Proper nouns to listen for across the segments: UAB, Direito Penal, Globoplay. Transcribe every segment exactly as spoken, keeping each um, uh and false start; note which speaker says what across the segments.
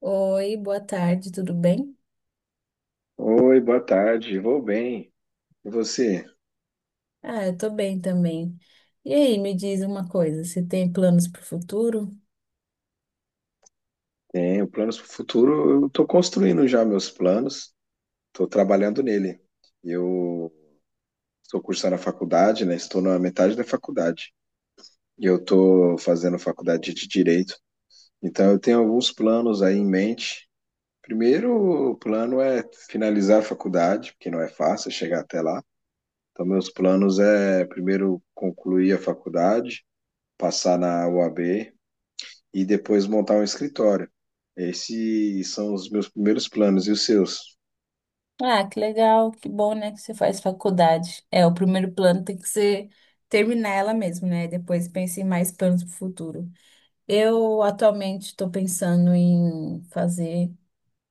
Speaker 1: Oi, boa tarde, tudo bem?
Speaker 2: Oi, boa tarde. Vou bem. E você?
Speaker 1: Ah, eu tô bem também. E aí, me diz uma coisa, você tem planos para o futuro?
Speaker 2: Tenho planos para o futuro. Eu estou construindo já meus planos, estou trabalhando nele. Eu estou cursando a faculdade, né? Estou na metade da faculdade. E eu estou fazendo faculdade de Direito. Então, eu tenho alguns planos aí em mente. Primeiro, o plano é finalizar a faculdade, porque não é fácil chegar até lá. Então, meus planos é primeiro concluir a faculdade, passar na U A B e depois montar um escritório. Esses são os meus primeiros planos e os seus.
Speaker 1: Ah, que legal, que bom, né, que você faz faculdade. É, o primeiro plano tem que ser terminar ela mesmo, né? Depois pense em mais planos para o futuro. Eu atualmente estou pensando em fazer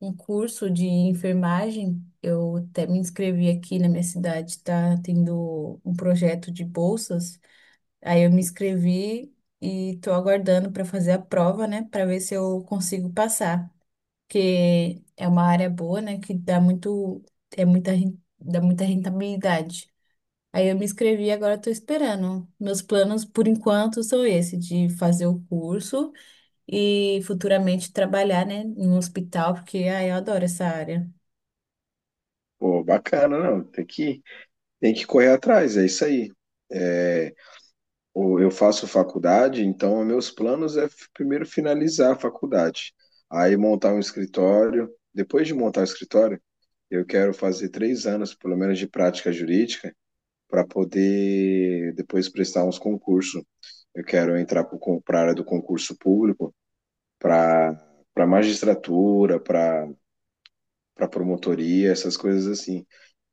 Speaker 1: um curso de enfermagem. Eu até me inscrevi aqui na minha cidade, tá tendo um projeto de bolsas. Aí eu me inscrevi e tô aguardando para fazer a prova, né, para ver se eu consigo passar, porque é uma área boa, né, que dá muito é muita ren- dá muita rentabilidade. Aí eu me inscrevi e agora tô esperando. Meus planos por enquanto são esse de fazer o curso e futuramente trabalhar, né, em um hospital, porque ah, eu adoro essa área.
Speaker 2: Pô, bacana, não. Tem que, tem que correr atrás, é isso aí. É, ou eu faço faculdade, então meus planos é f- primeiro finalizar a faculdade, aí montar um escritório. Depois de montar o escritório, eu quero fazer três anos, pelo menos, de prática jurídica para poder depois prestar uns concursos. Eu quero entrar para a área do concurso público, para para magistratura, para para promotoria, essas coisas assim.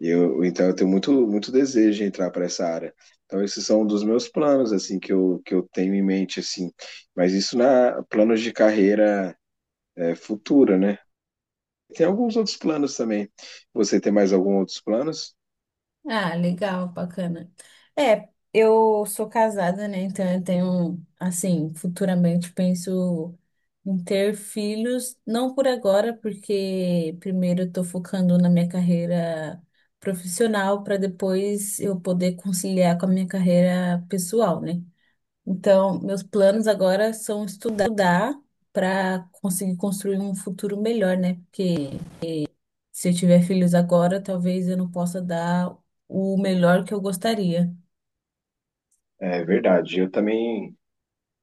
Speaker 2: Eu, então eu tenho muito muito desejo de entrar para essa área. Então esses são um dos meus planos assim que eu que eu tenho em mente assim. Mas isso na planos de carreira é, futura, né? Tem alguns outros planos também. Você tem mais alguns outros planos?
Speaker 1: Ah, legal, bacana. É, eu sou casada, né? Então eu tenho, assim, futuramente penso em ter filhos, não por agora, porque primeiro eu tô focando na minha carreira profissional para depois eu poder conciliar com a minha carreira pessoal, né? Então, meus planos agora são estudar para conseguir construir um futuro melhor, né? Porque se eu tiver filhos agora, talvez eu não possa dar o melhor que eu gostaria.
Speaker 2: É verdade. Eu também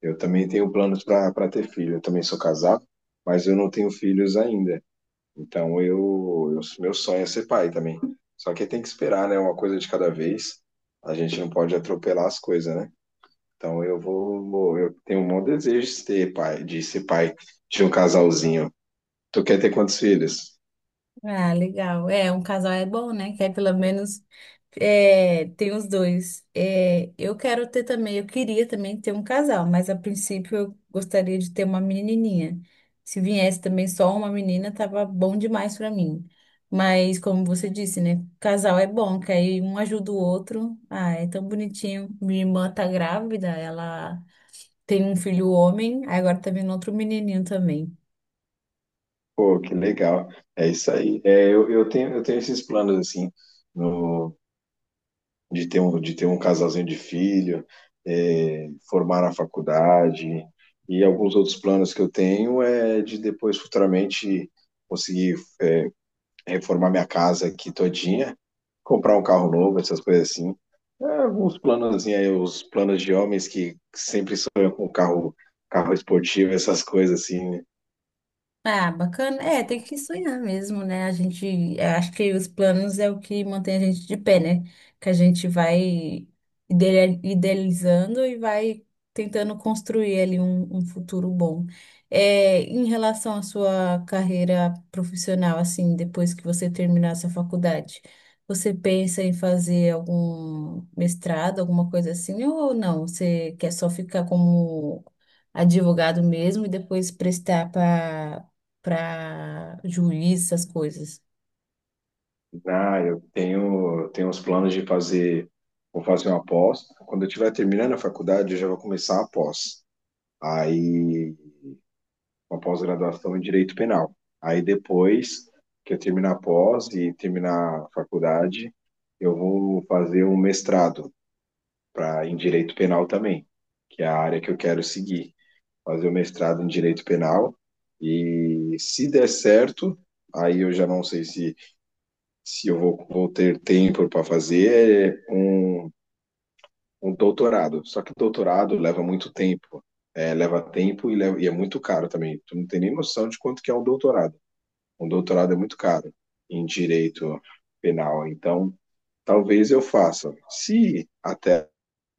Speaker 2: eu também tenho planos para para ter filho. Eu também sou casado, mas eu não tenho filhos ainda. Então eu, eu meu sonho é ser pai também. Só que tem que esperar, né? Uma coisa de cada vez. A gente não pode atropelar as coisas, né? Então eu vou, vou- eu tenho um bom desejo de ser pai, de ser pai de um casalzinho. Tu quer ter quantos filhos?
Speaker 1: Ah, legal. É, um casal é bom, né? Que aí pelo menos é, tem os dois. É, eu quero ter também, eu queria também ter um casal, mas a princípio eu gostaria de ter uma menininha. Se viesse também só uma menina, tava bom demais para mim. Mas como você disse, né? Casal é bom, que aí um ajuda o outro. Ah, é tão bonitinho. Minha irmã tá grávida, ela tem um filho homem, aí agora tá vindo outro menininho também.
Speaker 2: Pô, que legal. É isso aí. É, eu, eu tenho, eu tenho esses planos assim, no, de ter um, de ter um casalzinho de filho, é, formar na faculdade e alguns outros planos que eu tenho é de depois futuramente conseguir reformar minha casa aqui todinha, comprar um carro novo, essas coisas assim. É, alguns planos aí, os planos de homens que sempre sonham com carro, carro esportivo, essas coisas assim, né?
Speaker 1: Ah, bacana. É, tem que sonhar mesmo, né? A gente, eu acho que os planos é o que mantém a gente de pé, né? Que a gente vai idele- idealizando e vai tentando construir ali um, um futuro bom. É, em relação à sua carreira profissional, assim, depois que você terminar essa faculdade, você pensa em fazer algum mestrado, alguma coisa assim, ou não? Você quer só ficar como advogado mesmo e depois prestar para para juiz, essas coisas.
Speaker 2: Ah, eu tenho, tenho uns planos de fazer, vou fazer uma pós. Quando eu estiver terminando a faculdade, eu já vou começar a pós. Aí, uma pós-graduação em Direito Penal. Aí depois que eu terminar a pós e terminar a faculdade, eu vou fazer um mestrado para em direito penal também, que é a área que eu quero seguir, fazer o mestrado em direito penal e se der certo, aí eu já não sei se se eu vou, vou ter tempo para fazer um, um doutorado. Só que doutorado leva muito tempo, é, leva tempo e, leva, e é muito caro também. Tu não tem nem noção de quanto que é um doutorado. Um doutorado é muito caro em direito penal. Então, talvez eu faça. Se até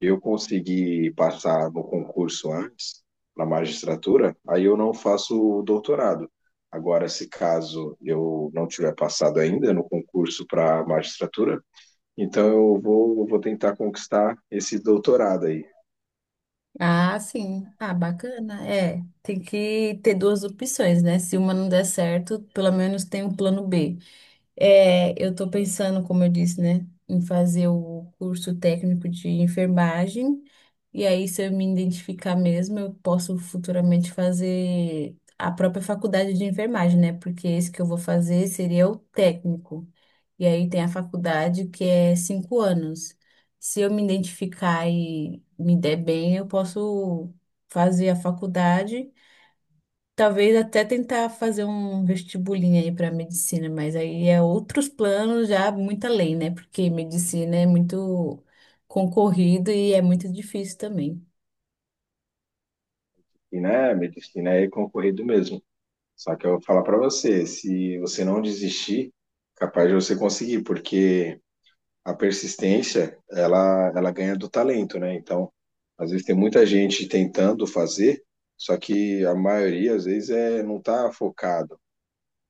Speaker 2: eu conseguir passar no concurso antes, na magistratura, aí eu não faço o doutorado. Agora, se caso eu não tiver passado ainda no concurso para magistratura, então eu vou, eu vou tentar conquistar esse doutorado aí.
Speaker 1: Ah, sim. Ah, bacana. É, tem que ter duas opções, né? Se uma não der certo, pelo menos tem um plano B. É, eu tô pensando, como eu disse, né, em fazer o curso técnico de enfermagem. E aí, se eu me identificar mesmo, eu posso futuramente fazer a própria faculdade de enfermagem, né? Porque esse que eu vou fazer seria o técnico. E aí tem a faculdade que é cinco anos. Se eu me identificar e me der bem, eu posso fazer a faculdade, talvez até tentar fazer um vestibulinho aí para medicina, mas aí é outros planos já muito além, né? Porque medicina é muito concorrido e é muito difícil também.
Speaker 2: E né, medicina é concorrido mesmo. Só que eu vou falar para você, se você não desistir, capaz de você conseguir, porque a persistência, ela, ela ganha do talento, né? Então, às vezes tem muita gente tentando fazer, só que a maioria, às vezes, é, não tá focado.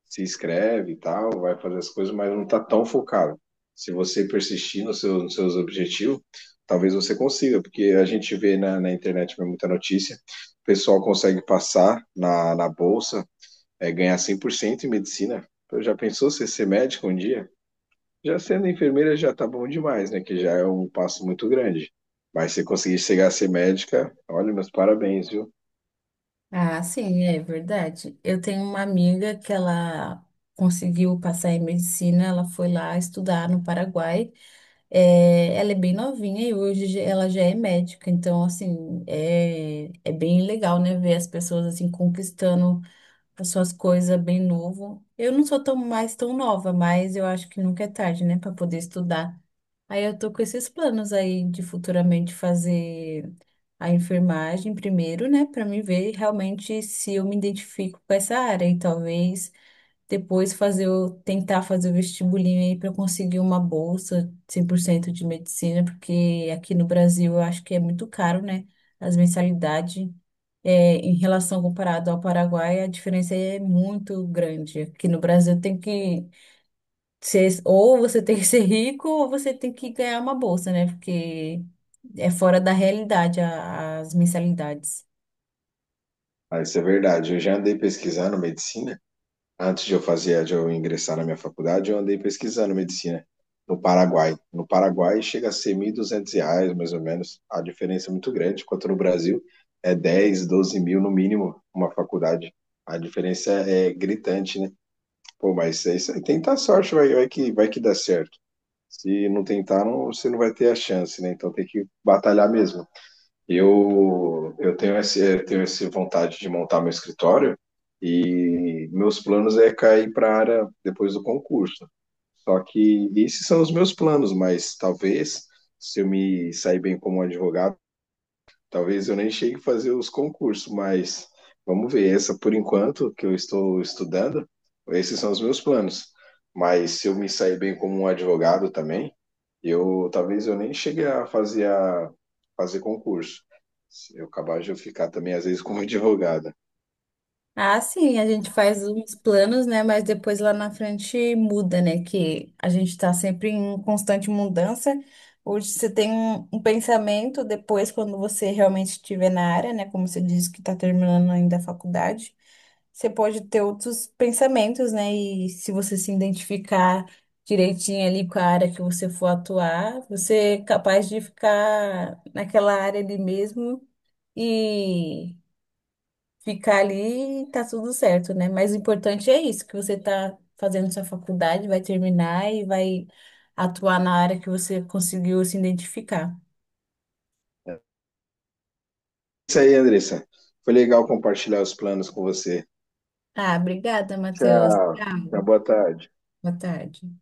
Speaker 2: Se inscreve e tal, vai fazer as coisas, mas não tá tão focado. Se você persistir no seu, nos seus objetivos, talvez você consiga, porque a gente vê na, na internet muita notícia, o pessoal consegue passar na, na bolsa, é, ganhar cem por cento em medicina. Então, já pensou você ser médico um dia? Já sendo enfermeira já tá bom demais, né? Que já é um passo muito grande. Mas se conseguir chegar a ser médica, olha, meus parabéns, viu?
Speaker 1: Ah, sim, é verdade. Eu tenho uma amiga que ela conseguiu passar em medicina, ela foi lá estudar no Paraguai. É, ela é bem novinha e hoje já- ela já é médica, então, assim, é, é bem legal, né, ver as pessoas, assim, conquistando as suas coisas bem novo. Eu não sou tão mais tão nova, mas eu acho que nunca é tarde, né, para poder estudar. Aí eu tô com esses planos aí de futuramente fazer a enfermagem primeiro, né, para mim ver realmente se eu me identifico com essa área e talvez depois fazer o, tentar fazer o vestibulinho aí para conseguir uma bolsa cem por cento de medicina, porque aqui no Brasil eu acho que é muito caro, né? As mensalidades, é, em relação comparado ao Paraguai, a diferença é muito grande. Aqui no Brasil tem que ser, ou você tem que ser rico, ou você tem que ganhar uma bolsa, né? Porque é fora da realidade a- as mensalidades.
Speaker 2: Ah, isso é verdade. Eu já andei pesquisando medicina. Antes de eu fazer, de eu ingressar na minha faculdade, eu andei pesquisando medicina no Paraguai. No Paraguai chega a ser mil e duzentos reais, mais ou menos. A diferença é muito grande, enquanto no Brasil é dez doze mil no mínimo uma faculdade. A diferença é gritante, né? Pô, mas é isso aí. Tenta a sorte, vai, vai que, vai que dá certo. Se não tentar, não, você não vai ter a chance, né? Então tem que batalhar mesmo. Eu, eu tenho esse, eu tenho essa vontade de montar meu escritório e meus planos é cair para a área depois do concurso. Só que esses são os meus planos, mas talvez se eu me sair bem como advogado, talvez eu nem chegue a fazer os concursos, mas vamos ver. Essa por enquanto que eu estou estudando, esses são os meus planos. Mas se eu me sair bem como um advogado também, eu talvez eu nem cheguei a fazer a fazer concurso. Se eu acabar de eu ficar também às vezes como advogada.
Speaker 1: Ah, sim, a gente faz uns planos, né? Mas depois lá na frente muda, né? Que a gente tá sempre em constante mudança. Hoje você tem um, um pensamento, depois, quando você realmente estiver na área, né? Como você disse que tá terminando ainda a faculdade, você pode ter outros pensamentos, né? E se você se identificar direitinho ali com a área que você for atuar, você é capaz de ficar naquela área ali mesmo ficar ali e tá tudo certo, né? Mas o importante é isso, que você tá fazendo sua faculdade, vai terminar e vai atuar na área que você conseguiu se identificar.
Speaker 2: É isso aí, Andressa. Foi legal compartilhar os planos com você.
Speaker 1: Ah, obrigada, Matheus.
Speaker 2: Tchau. Tchau,
Speaker 1: Tchau.
Speaker 2: boa tarde.
Speaker 1: Boa tarde.